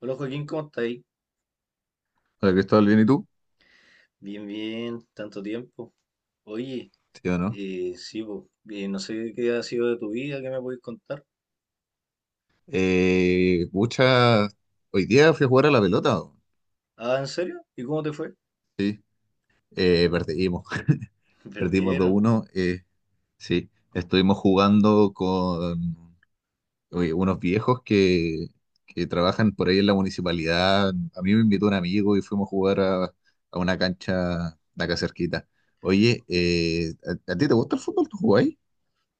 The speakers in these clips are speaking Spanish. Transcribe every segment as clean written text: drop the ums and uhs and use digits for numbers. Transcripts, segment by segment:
Hola Joaquín, ¿cómo estáis? Hola Cristóbal, ¿bien y tú? Bien, bien, tanto tiempo. Oye, Sí o no. eh, sí, po, eh, no sé qué ha sido de tu vida, qué me podéis contar. Pucha, hoy día fui a jugar a la pelota. ¿O? Ah, ¿en serio? ¿Y cómo te fue? Sí, perdimos. Perdimos Perdieron. 2-1. Sí, estuvimos jugando con oye, unos viejos que trabajan por ahí en la municipalidad. A mí me invitó un amigo y fuimos a jugar a una cancha de acá cerquita. Oye, ¿a ti te gusta el fútbol? ¿Tú jugás?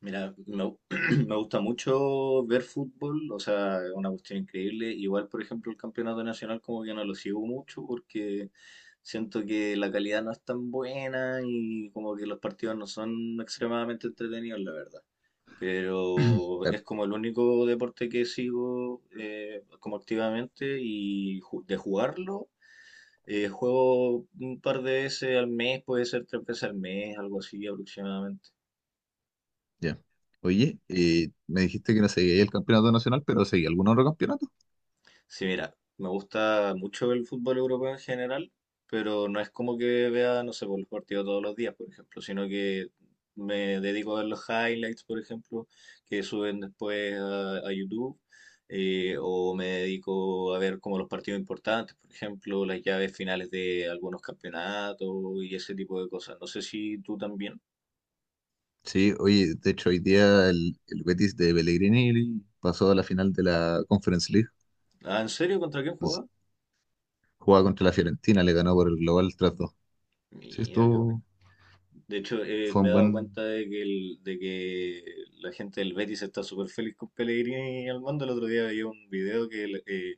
Mira, me gusta mucho ver fútbol, o sea, es una cuestión increíble. Igual, por ejemplo, el campeonato nacional como que no lo sigo mucho porque siento que la calidad no es tan buena y como que los partidos no son extremadamente entretenidos, la verdad. Pero es como el único deporte que sigo, como activamente y de jugarlo. Juego un par de veces al mes, puede ser tres veces al mes, algo así aproximadamente. Ya. Oye, me dijiste que no seguía el campeonato nacional, pero seguía algún otro campeonato. Sí, mira, me gusta mucho el fútbol europeo en general, pero no es como que vea, no sé, por los partidos todos los días, por ejemplo, sino que me dedico a ver los highlights, por ejemplo, que suben después a YouTube, o me dedico a ver como los partidos importantes, por ejemplo, las llaves finales de algunos campeonatos y ese tipo de cosas. No sé si tú también. Sí, oye, de hecho, hoy día el Betis de Pellegrini pasó a la final de la Conference League. Ah, ¿en serio? ¿Contra quién Entonces, jugabas? jugaba contra la Fiorentina, le ganó por el global 3 dos. Sí, Mira, qué bueno. esto De hecho, fue me he un dado buen, cuenta de que la gente del Betis está súper feliz con Pellegrini al mando. El otro día vi un video que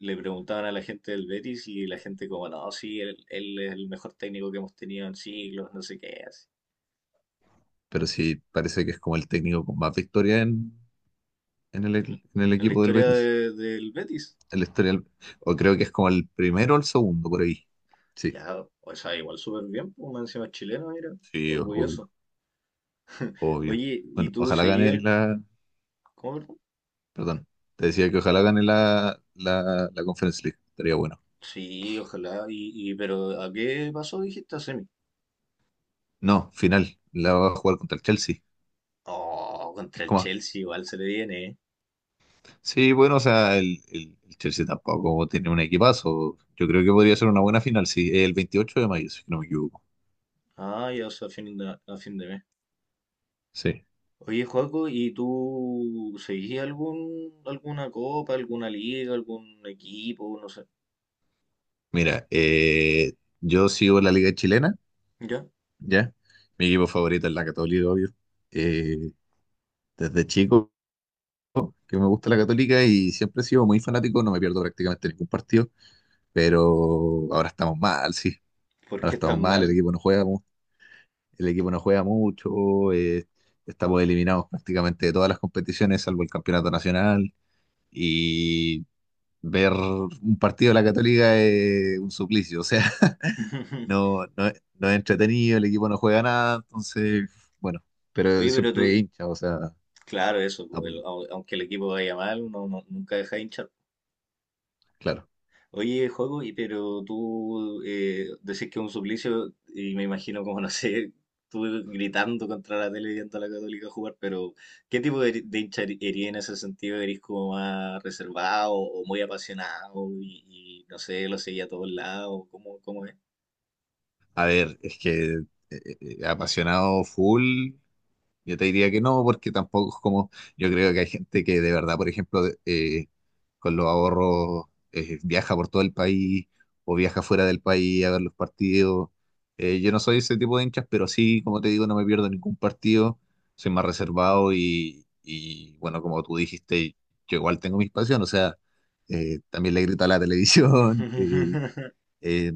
le preguntaban a la gente del Betis y la gente como, no, sí, él es el mejor técnico que hemos tenido en siglos, no sé qué, así. pero sí parece que es como el técnico con más victoria en el, En en el en la equipo del historia Betis. Del Betis. El la O creo que es como el primero o el segundo por ahí. Sí, Ya, o sea, igual súper bien, pues, más encima es chileno, mira, sí, obvio, orgulloso. obvio. Oye, ¿y Bueno, tú ojalá seguías gane el... la, ¿Cómo, perdón? perdón. Te decía que ojalá gane la Conference League. Estaría bueno. Sí, ojalá. Pero ¿a qué pasó, dijiste, a semi? No, final. La va a jugar contra el Chelsea. Oh, Es contra el como. Chelsea igual se le viene, ¿eh? Sí, bueno, o sea, el Chelsea tampoco tiene un equipazo. Yo creo que podría ser una buena final, sí. El 28 de mayo, si no me equivoco. Ah, ya, o sea, a fin de mes. Sí. Oye, Joaco, ¿y tú seguís algún, alguna copa, alguna liga, algún equipo, no sé? Mira, yo sigo la Liga Chilena, ¿Ya? ¿ya? Mi equipo favorito es la Católica, obvio. Eh, Desde chico que me gusta la Católica y siempre he sido muy fanático, no me pierdo prácticamente ningún partido, pero ahora estamos mal, sí. ¿Por Ahora qué es estamos tan mal, el mal? equipo no juega, mu- el equipo no juega mucho, estamos eliminados prácticamente de todas las competiciones, salvo el campeonato nacional, y ver un partido de la Católica es un suplicio, o sea, no, no, no es entretenido, el equipo no juega nada, entonces, bueno, pero Oye, pero siempre tú, hincha, o sea, claro, eso, pues, apoyo, aunque el equipo vaya mal, uno nunca deja de hinchar. claro. Oye, Joaco, y pero tú, decís que es un suplicio y me imagino como, no sé, tú gritando contra la tele viendo a la Católica jugar, pero ¿qué tipo de hincha erí en ese sentido? ¿Eres como más reservado o muy apasionado y, no sé, lo seguía a todos lados? ¿Cómo, cómo es? A ver, es que apasionado full. Yo te diría que no, porque tampoco es como, yo creo que hay gente que de verdad, por ejemplo, con los ahorros viaja por todo el país o viaja fuera del país a ver los partidos. Yo no soy ese tipo de hinchas, pero sí, como te digo, no me pierdo ningún partido, soy más reservado y, bueno, como tú dijiste, yo igual tengo mis pasiones, o sea, también le grito a la televisión, eh,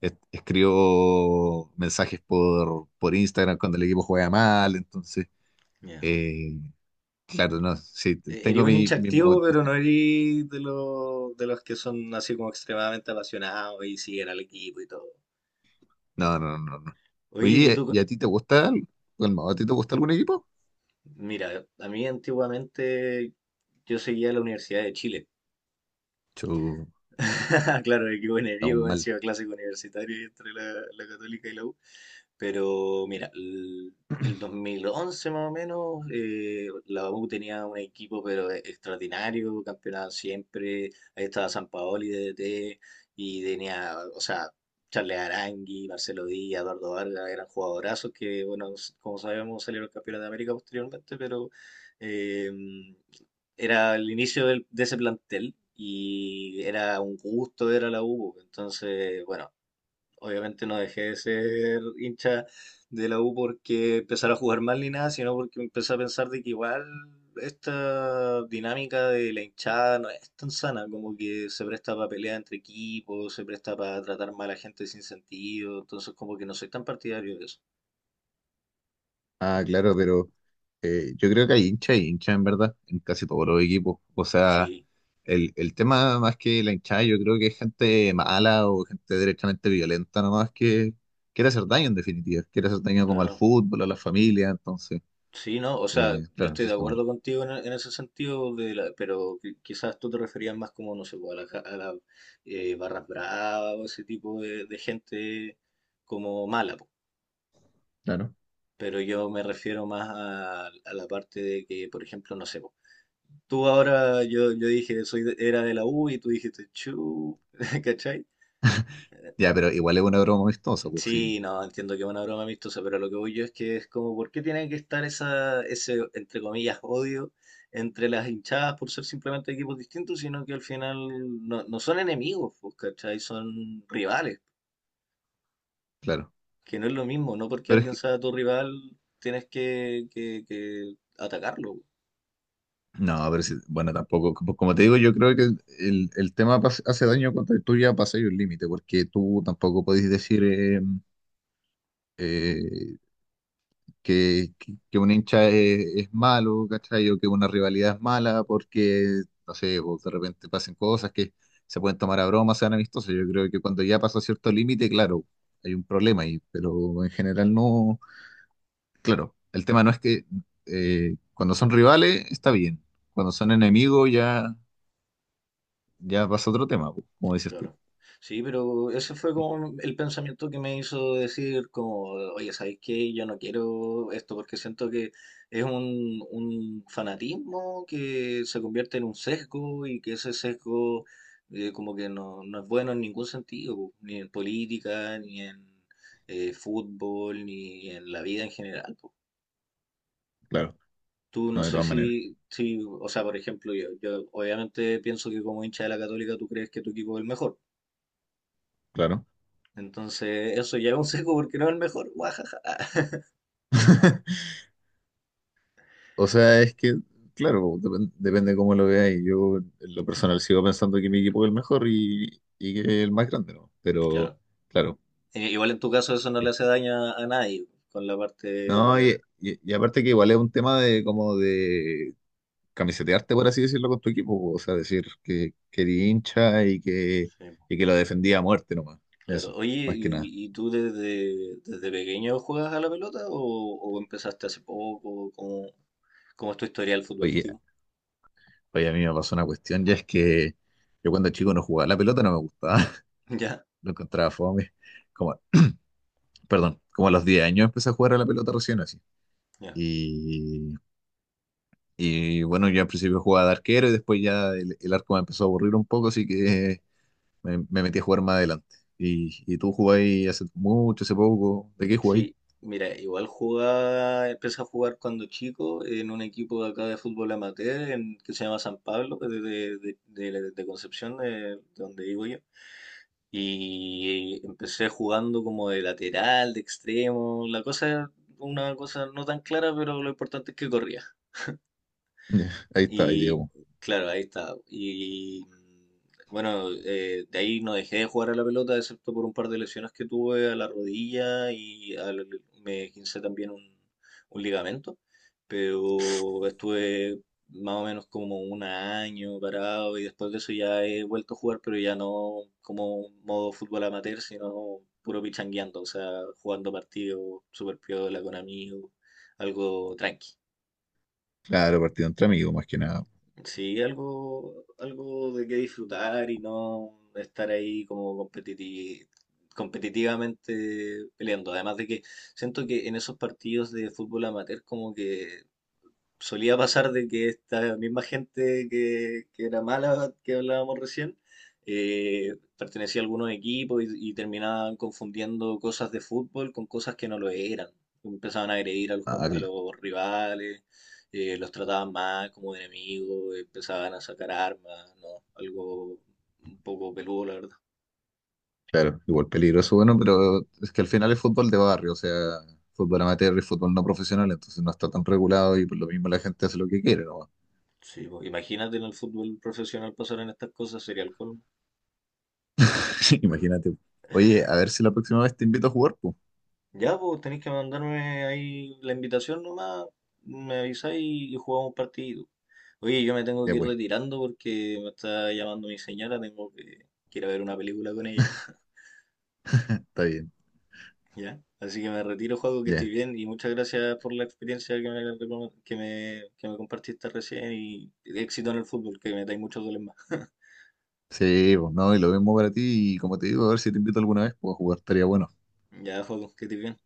escribo mensajes por Instagram cuando el equipo juega mal, entonces... Ya. Eh, claro, no, sí, Eres tengo un hincha mis activo, momentos. pero no eres de los que son así como extremadamente apasionados y siguen al equipo y todo. No, no, no, no. Oye, ¿y Oye, ¿y tú? a ti te gusta Calmado, ¿a ti te gusta algún equipo? Mira, a mí antiguamente yo seguía la Universidad de Chile. Chu, Claro, qué buen estamos enemigo, mal. encima clásico universitario y entre la, la Católica y la U. Pero mira, el 2011 más o menos, la U tenía un equipo pero extraordinario, campeonato siempre, ahí estaba Sampaoli de DT y tenía, o sea, Charles Arangui, Marcelo Díaz, Eduardo Vargas, eran jugadorazos que, bueno, como sabemos salieron campeones de América posteriormente, pero eh, era el inicio de ese plantel y era un gusto ver a la U, entonces, bueno. Obviamente no dejé de ser hincha de la U porque empezara a jugar mal ni nada, sino porque empecé a pensar de que igual esta dinámica de la hinchada no es tan sana, como que se presta para pelear entre equipos, se presta para tratar mal a gente sin sentido, entonces como que no soy tan partidario de eso. Ah, claro, pero yo creo que hay hincha y hincha en verdad en casi todos los equipos. O sea, Sí. el tema más que la hinchada, yo creo que es gente mala o gente directamente violenta nomás que quiere hacer daño en definitiva. Quiere hacer daño como al Claro. fútbol, a la familia, entonces, Sí, ¿no? O sea, yo claro, estoy eso de está mal. acuerdo contigo en, en ese sentido, de pero quizás tú te referías más como, no sé, pues, a las barras bravas o ese tipo de gente como mala, po. Claro. Pero yo me refiero más a la parte de que, por ejemplo, no sé, po, tú ahora, yo dije, soy era de la U y tú dijiste, chu, ¿cachai? Ya, pero igual es una broma amistosa, pues sí, Sí, no, entiendo que es una broma amistosa, pero lo que voy yo es que es como, ¿por qué tiene que estar esa, ese, entre comillas, odio entre las hinchadas por ser simplemente equipos distintos, sino que al final no son enemigos, pues, ¿cachai? Son rivales, claro. que no es lo mismo, no porque Pero es alguien que, sea tu rival tienes que atacarlo. no, pero bueno, tampoco, como te digo, yo creo que el tema hace daño cuando tú ya pasas un límite, porque tú tampoco podés decir eh, que un hincha es malo, ¿cachai? O que una rivalidad es mala, porque, no sé, vos de repente pasen cosas que se pueden tomar a broma, sean amistosas. Yo creo que cuando ya pasa cierto límite, claro, hay un problema ahí, pero en general no, claro, el tema no es que cuando son rivales está bien, cuando son enemigos ya pasa otro tema, po, como dices tú. Claro. Sí, pero ese fue como el pensamiento que me hizo decir como, oye, ¿sabes qué? Yo no quiero esto porque siento que es un fanatismo que se convierte en un sesgo y que ese sesgo, como que no es bueno en ningún sentido, po, ni en política, ni en, fútbol, ni en la vida en general, po. Claro, Tú no no de sé todas maneras, si, si, o sea, por ejemplo, yo obviamente pienso que como hincha de la Católica tú crees que tu equipo es el mejor. claro. Entonces, eso ya es un seco porque no es el mejor. Guajaja. O sea, es que, claro, pues, depende cómo lo veáis. Yo, en lo personal, sigo pensando que mi equipo es el mejor y que es el más grande, ¿no? Pero, Claro. claro. Igual en tu caso eso no le eh, hace daño a nadie con la parte de No, la... y aparte que igual es un tema de como de camisetearte, por así decirlo, con tu equipo. Po. O sea, decir que eres hincha y que, Sí, y que lo defendía a muerte nomás. claro. Eso, Oye, más que nada. ¿ y tú desde, desde pequeño juegas a la pelota o empezaste hace poco? ¿Cómo, cómo es tu historial Oye, futbolístico? Oye, a mí me pasó una cuestión, ya es que yo cuando chico no jugaba, la pelota no me gustaba, Ya, lo encontraba fome. Como, perdón, como a los 10 años empecé a jugar a la pelota recién así. ya. Y, y bueno, yo al principio jugaba de arquero y después ya el arco me empezó a aburrir un poco, así que me metí a jugar más adelante. Y tú jugáis hace mucho, hace poco, ¿de qué jugáis? Sí, mira, igual jugaba, empecé a jugar cuando chico en un equipo de acá de fútbol amateur que se llama San Pablo, que es de de Concepción, de donde vivo yo. Y empecé jugando como de lateral, de extremo. Una cosa no tan clara, pero lo importante es que corría. Ahí está, ahí Y digamos. claro, ahí está. Y bueno, de ahí no dejé de jugar a la pelota, excepto por un par de lesiones que tuve a la rodilla y me gincé también un ligamento. Pero estuve más o menos como un año parado y después de eso ya he vuelto a jugar, pero ya no como modo fútbol amateur, sino puro pichangueando, o sea, jugando partidos super piola con amigos, algo tranqui. Claro, partido entre amigos, más que nada. Sí, algo, algo de qué disfrutar y no estar ahí como competitivamente peleando. Además de que siento que en esos partidos de fútbol amateur como que solía pasar de que esta misma gente que era mala, que hablábamos recién, pertenecía a algunos equipos y terminaban confundiendo cosas de fútbol con cosas que no lo eran. Empezaban a agredir a los, Ah, a los rivales, los trataban mal como de enemigos, empezaban a sacar armas, ¿no? Algo un poco peludo, la verdad. claro, igual peligroso, bueno, pero es que al final es fútbol de barrio, o sea, fútbol amateur y fútbol no profesional, entonces no está tan regulado y por lo mismo la gente hace lo que quiere, ¿no? Sí, pues, imagínate en el fútbol profesional pasar en estas cosas, sería el colmo. Imagínate. Oye, a ver si la próxima vez te invito a jugar, pues. Ya, pues tenéis que mandarme ahí la invitación nomás, me avisáis y jugamos un partido. Oye, yo me tengo Ya que ir pues, retirando porque me está llamando mi señora, tengo que ir a ver una película con ella, está bien, ¿ya? Así que me retiro, juego que estoy ya. bien y muchas gracias por la experiencia que me, recom- que me compartiste recién y éxito en el fútbol, que metáis muchos goles más. Sí, pues no, y lo mismo para ti y como te digo, a ver si te invito alguna vez, pues a jugar estaría bueno. Ya, juego, que estés bien.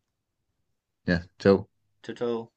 Ya, chao. Chao, chao.